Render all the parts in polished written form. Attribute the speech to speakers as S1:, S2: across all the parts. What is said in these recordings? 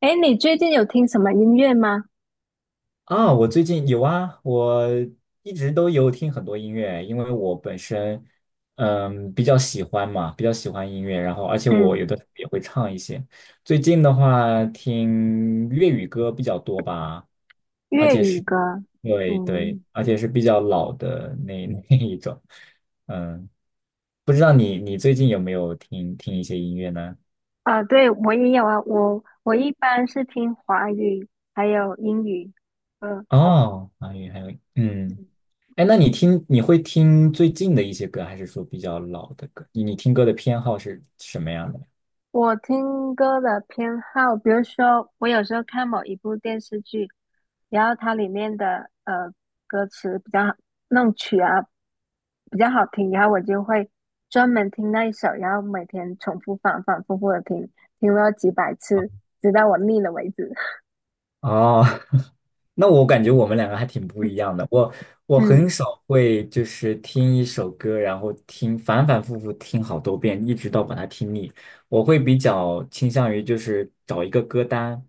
S1: 哎，你最近有听什么音乐吗？
S2: 啊，我最近有啊，我一直都有听很多音乐，因为我本身比较喜欢嘛，比较喜欢音乐，然后而且我
S1: 嗯，
S2: 有的时候也会唱一些。最近的话，听粤语歌比较多吧，而
S1: 粤
S2: 且
S1: 语
S2: 是，
S1: 歌。
S2: 对对，
S1: 嗯，
S2: 而且是比较老的那 那一种。嗯，不知道你最近有没有听听一些音乐呢？
S1: 啊，对，我也有啊。我一般是听华语，还有英语歌。
S2: 哦，华语还有嗯。
S1: 嗯，
S2: 哎，那你听，你会听最近的一些歌，还是说比较老的歌？你听歌的偏好是什么样的？
S1: 我听歌的偏好，比如说我有时候看某一部电视剧，然后它里面的歌词比较好，那种曲啊比较好听，然后我就会专门听那一首，然后每天重复反反复复的听，听了几百次，直到我腻了为止。
S2: 哦，那我感觉我们两个还挺不一样的。我 我很
S1: 嗯，
S2: 少会就是听一首歌，然后听反反复复听好多遍，一直到把它听腻。我会比较倾向于就是找一个歌单，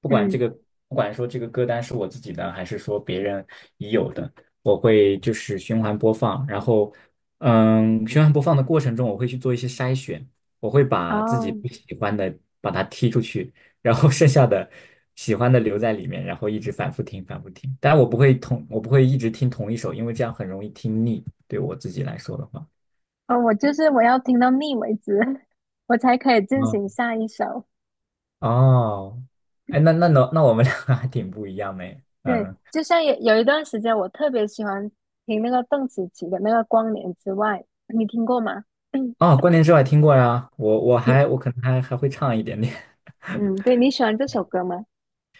S2: 不管这
S1: 嗯。
S2: 个不管说这个歌单是我自己的，还是说别人已有的，我会就是循环播放。然后，嗯，循环播放的过程中，我会去做一些筛选，我会把自己
S1: 哦。
S2: 不喜欢的把它踢出去。然后剩下的喜欢的留在里面，然后一直反复听，反复听。但我不会同，我不会一直听同一首，因为这样很容易听腻。对我自己来说的话，
S1: 哦，我就是我要听到腻为止，我才可以进
S2: 嗯，
S1: 行下一首。
S2: 哦，哎，那我们两个 还挺不一样的耶
S1: 对，
S2: 嗯，
S1: 就像有一段时间，我特别喜欢听那个邓紫棋的那个《光年之外》，你听过吗？
S2: 哦，关联之外听过呀，我我
S1: 你
S2: 还我可能还还会唱一点点，
S1: 嗯，对，你喜欢这首歌吗？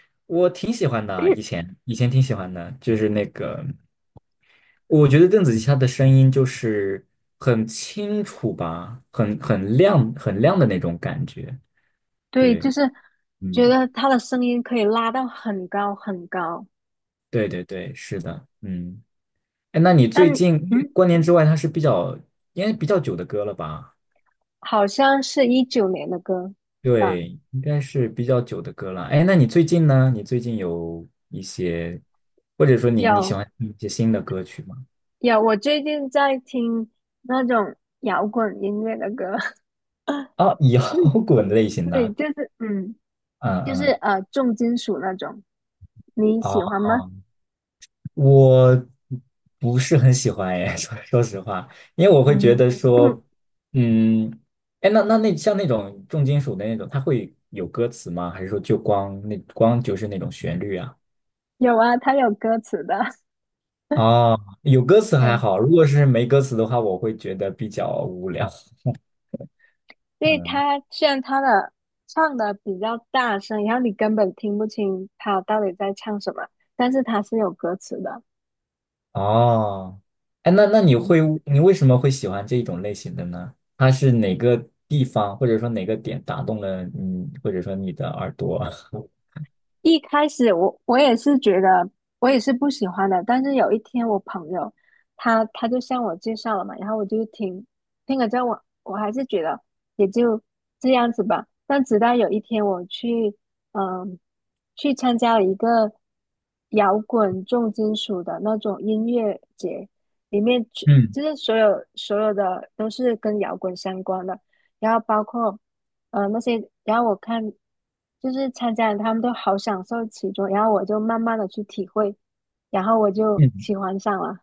S2: 我挺喜欢的啊，以前挺喜欢的，就是那个，我觉得邓紫棋她的声音就是很清楚吧，很亮很亮的那种感觉，
S1: 对，
S2: 对。
S1: 就是觉
S2: 嗯。
S1: 得他的声音可以拉到很高很高，
S2: 对对对，是的，嗯，哎，那你
S1: 但
S2: 最近因
S1: 嗯，
S2: 过年之外，它是比较应该比较久的歌了吧？
S1: 好像是19年的歌吧？
S2: 对，应该是比较久的歌了。哎，那你最近呢？你最近有一些，或者说你喜
S1: 有，
S2: 欢听一些新的歌曲吗？
S1: 我最近在听那种摇滚音乐的歌。
S2: 啊，摇 滚类型
S1: 对，
S2: 的，
S1: 就是嗯，
S2: 嗯
S1: 就是
S2: 嗯，
S1: 呃，重金属那种，你喜欢
S2: 哦
S1: 吗？
S2: 我不是很喜欢哎，说实话，因为我会觉
S1: 嗯。
S2: 得 说，嗯，哎，那那那像那种重金属的那种，它会有歌词吗？还是说就是那种旋律啊？
S1: 有啊，它有歌词的。
S2: 哦，有歌词 还
S1: 对，
S2: 好，如果是没歌词的话，我会觉得比较无聊。
S1: 所以
S2: 嗯，
S1: 它虽然它的唱的比较大声，然后你根本听不清它到底在唱什么，但是它是有歌词的，
S2: 哦，哎，那那你
S1: 嗯。
S2: 会你为什么会喜欢这种类型的呢？它是哪个地方或者说哪个点打动了你，或者说你的耳朵？
S1: 一开始我也是觉得我也是不喜欢的，但是有一天我朋友他就向我介绍了嘛，然后我就听了之后我还是觉得也就这样子吧。但直到有一天我去嗯去参加了一个摇滚重金属的那种音乐节，里面
S2: 嗯
S1: 就是所有的都是跟摇滚相关的，然后包括。那些，然后我看就是参加的他们都好享受其中，然后我就慢慢的去体会，然后我就
S2: 嗯
S1: 喜欢上了。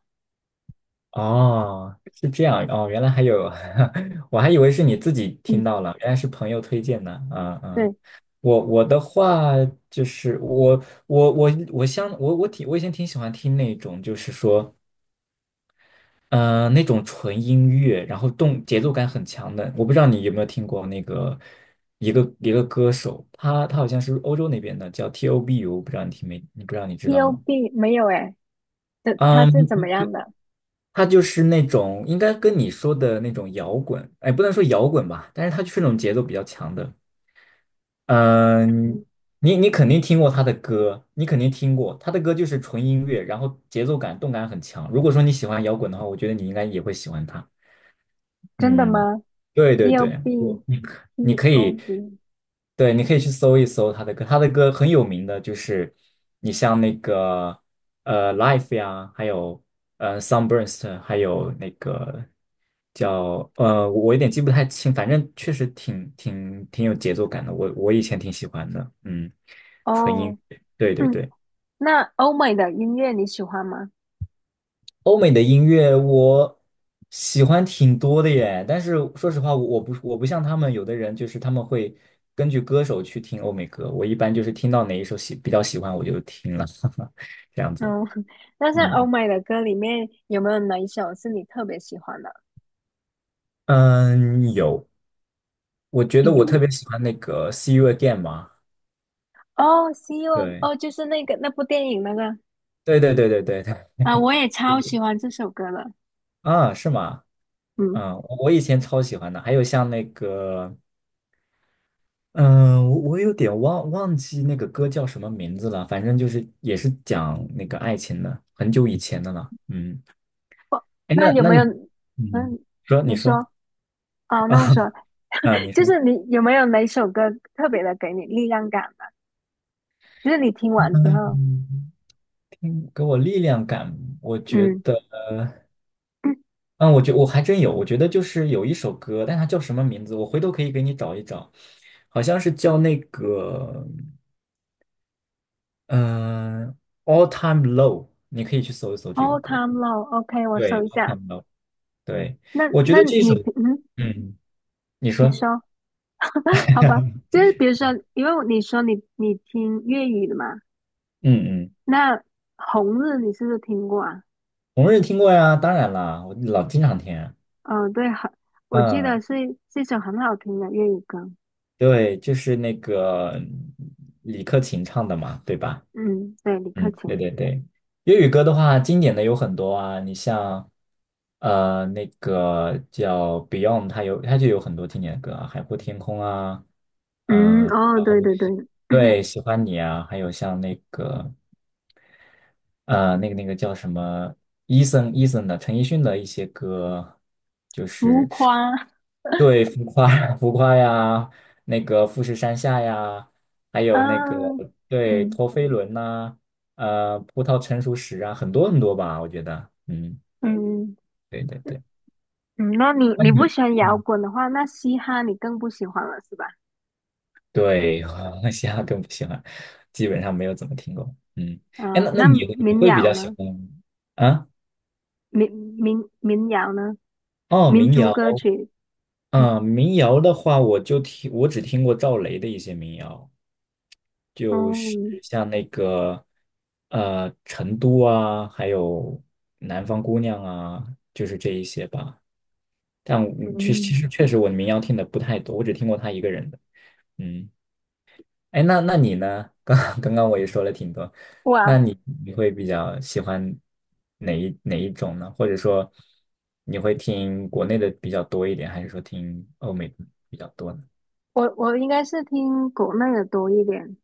S2: 哦，是这样哦，原来还有，我还以为是你自己听
S1: 嗯，
S2: 到了，原来是朋友推荐的。嗯嗯，
S1: 对，
S2: 我我的话就是我我我我相我我挺我以前挺喜欢听那种就是说，嗯那种纯音乐，然后动节奏感很强的。我不知道你有没有听过那个一个歌手，他好像是欧洲那边的，叫 T.O.B.U，不知道你听没？你不知道你知
S1: p
S2: 道
S1: o
S2: 吗？
S1: b 没有诶，这他是怎么
S2: 嗯。
S1: 样的？
S2: 他就是那种应该跟你说的那种摇滚，哎，不能说摇滚吧，但是他就是那种节奏比较强的。嗯，
S1: 嗯，
S2: 你肯定听过他的歌，你肯定听过他的歌，就是纯音乐，然后节奏感、动感很强。如果说你喜欢摇滚的话，我觉得你应该也会喜欢他。
S1: 真的
S2: 嗯，
S1: 吗？
S2: 对对
S1: p o
S2: 对，
S1: b
S2: 我你可你
S1: P
S2: 可
S1: o
S2: 以。
S1: b
S2: 对，你可以去搜一搜他的歌，他的歌很有名的，就是你像那个《Life》呀，还有《Sunburst》，还有那个叫，我有点记不太清，反正确实挺有节奏感的，我以前挺喜欢的，嗯，纯音，
S1: 哦。
S2: 对对
S1: 嗯，
S2: 对。
S1: 那欧美的音乐你喜欢吗？
S2: 欧美的音乐我喜欢挺多的耶，但是说实话，我不像他们有的人，就是他们会根据歌手去听欧美歌，我一般就是听到哪一首比较喜欢我就听了，这样子。
S1: 嗯。那像欧
S2: 嗯
S1: 美的歌里面有没有哪一首是你特别喜欢的？
S2: 嗯，有，我觉得
S1: 比
S2: 我特
S1: 如
S2: 别喜欢那个《See You Again》嘛，
S1: 哦，《See You》
S2: 对
S1: 哦，就是那个那部电影那个。
S2: 对对对对对对，
S1: 啊、我也超喜 欢这首歌的。
S2: 啊，是吗？
S1: 嗯，
S2: 嗯，我以前超喜欢的，还有像那个。嗯，我有点忘记那个歌叫什么名字了，反正就是也是讲那个爱情的，很久以前的了。嗯，哎，
S1: 那
S2: 那
S1: 有
S2: 那
S1: 没有？
S2: 你，嗯，
S1: 嗯，
S2: 说
S1: 你
S2: 你
S1: 说
S2: 说
S1: 哦，那我说，
S2: 啊，你
S1: 就
S2: 说，
S1: 是你有没有哪首歌特别的给你力量感的？就是你听完之后。
S2: 嗯，给我力量感，我觉
S1: 嗯，
S2: 得，
S1: 嗯
S2: 嗯，我还真有，我觉得就是有一首歌，但它叫什么名字，我回头可以给你找一找，好像是叫那个，嗯，All Time Low，你可以去搜一搜这个
S1: ，All
S2: 歌，
S1: Time Low，OK，我
S2: 对
S1: 搜一
S2: ，All
S1: 下。
S2: Time Low，对，
S1: 那
S2: 我觉
S1: 那
S2: 得这
S1: 你
S2: 首，
S1: 平
S2: 嗯。你
S1: 你
S2: 说，
S1: 说 好吧？就是比如说，因为你说你听粤语的嘛，
S2: 嗯嗯，
S1: 那《红日》你是不是听过啊？
S2: 红日听过呀，当然啦，我老经常听啊
S1: 嗯、对，很，我记得
S2: 嗯，
S1: 是一首很好听的粤语歌。
S2: 对，就是那个李克勤唱的嘛，对吧？
S1: 嗯，对，李克
S2: 嗯，对
S1: 勤。
S2: 对对。粤语歌的话，经典的有很多啊，你像那个叫 Beyond，它就有很多经典的歌啊，《海阔天空》啊，
S1: 嗯。
S2: 嗯、
S1: 哦，
S2: 然后
S1: 对对对。
S2: 对，喜欢你啊，还有像那个。呃，那个叫什么，e Eason a s o n 的陈奕迅的一些歌，就
S1: 浮
S2: 是
S1: 夸
S2: 对浮夸 浮夸呀，那个富士山下呀，还
S1: 啊。
S2: 有那个对
S1: 嗯，
S2: 陀飞轮呐、葡萄成熟时啊，很多很多吧，我觉得，嗯，
S1: 嗯，
S2: 对对对，
S1: 嗯，那你
S2: 那
S1: 你不
S2: 你，
S1: 喜欢摇
S2: 嗯，
S1: 滚的话，那嘻哈你更不喜欢了是吧？
S2: 对，我嘻哈更不喜欢，基本上没有怎么听过，嗯，哎，那
S1: 嗯，
S2: 那
S1: 那
S2: 你你
S1: 民
S2: 会比
S1: 谣
S2: 较喜
S1: 呢？
S2: 欢啊？
S1: 民民谣呢？
S2: 哦，
S1: 民
S2: 民
S1: 族
S2: 谣。
S1: 歌曲。
S2: 嗯，民谣的话，我就听，我只听过赵雷的一些民谣，就是
S1: 哦。
S2: 像那个《成都》啊，还有《南方姑娘》啊，就是这一些吧。但我
S1: 嗯，
S2: 确实我民谣听的不太多，我只听过他一个人的。嗯，哎，那那你呢？刚刚我也说了挺多，那
S1: 哇，
S2: 你你会比较喜欢哪一种呢？或者说你会听国内的比较多一点，还是说听欧美的比较多呢？
S1: 我应该是听国内的多一点，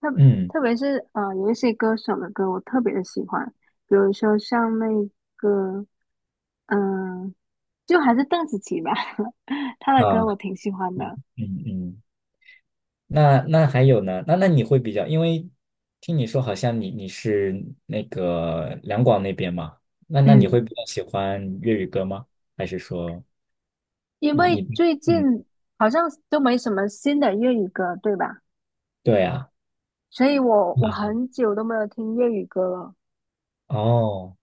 S1: 特
S2: 嗯。
S1: 特别是啊，有一些歌手的歌我特别的喜欢，比如说像那个嗯、呃就还是邓紫棋吧，她的歌
S2: 啊，
S1: 我挺喜欢的。
S2: 嗯嗯，那那还有呢？那那你会比较，因为听你说好像你是那个两广那边嘛，那那你
S1: 嗯，
S2: 会比较喜欢粤语歌吗？还是说
S1: 因
S2: 你
S1: 为
S2: 你
S1: 最
S2: 嗯，
S1: 近好像都没什么新的粤语歌，对吧？
S2: 对啊，
S1: 所以我很久都没有听粤语歌了。
S2: 哦，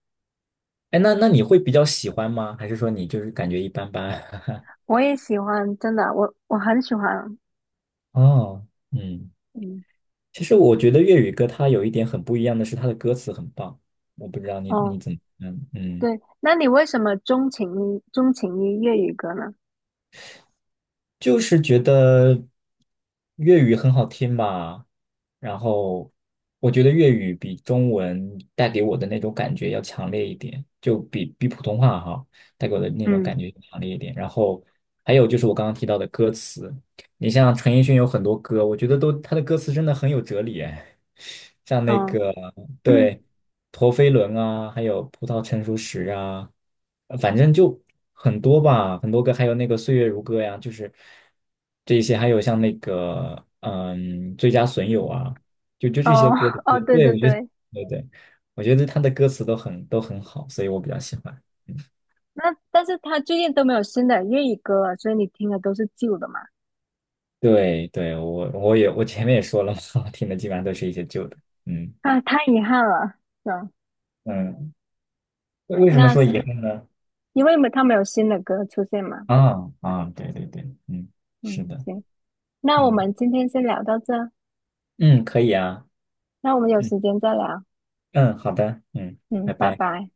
S2: 哎，那那你会比较喜欢吗？还是说你就是感觉一般般？
S1: 我也喜欢，真的，我很喜欢。
S2: 哦，嗯，
S1: 嗯。
S2: 其实我觉得粤语歌它有一点很不一样的是，它的歌词很棒，我不知道你
S1: 哦，
S2: 你怎么看，嗯。
S1: 对，那你为什么钟情于粤语歌呢？
S2: 就是觉得粤语很好听吧，然后我觉得粤语比中文带给我的那种感觉要强烈一点，就比普通话哈带给我的那种
S1: 嗯。
S2: 感觉强烈一点。然后还有就是我刚刚提到的歌词，你像陈奕迅有很多歌，我觉得他的歌词真的很有哲理哎，像那
S1: 哦。
S2: 个 对。陀飞轮啊，还有葡萄成熟时啊，反正就很多吧，很多个，还有那个岁月如歌呀，就是这些，还有像那个最佳损友啊，就这些
S1: 哦。
S2: 歌的歌，
S1: 哦，对
S2: 对，
S1: 对
S2: 我觉得，
S1: 对。
S2: 对对，我觉得他的歌词都很好，所以我比较喜欢。嗯，
S1: 那但是他最近都没有新的粤语歌了，所以你听的都是旧的嘛？
S2: 对对，我前面也说了嘛，听的基本上都是一些旧的。嗯
S1: 啊，太遗憾了，是吧？
S2: 嗯，为什么说
S1: 那
S2: 遗憾呢？
S1: 因为他们有新的歌出现嘛。
S2: 啊啊，对对对，嗯，是
S1: 嗯，
S2: 的，
S1: 行，那我
S2: 嗯
S1: 们今天先聊到这，
S2: 嗯，可以啊。
S1: 那我们有
S2: 嗯。
S1: 时间再聊。
S2: 嗯，好的，嗯，
S1: 嗯，
S2: 拜
S1: 拜
S2: 拜。
S1: 拜。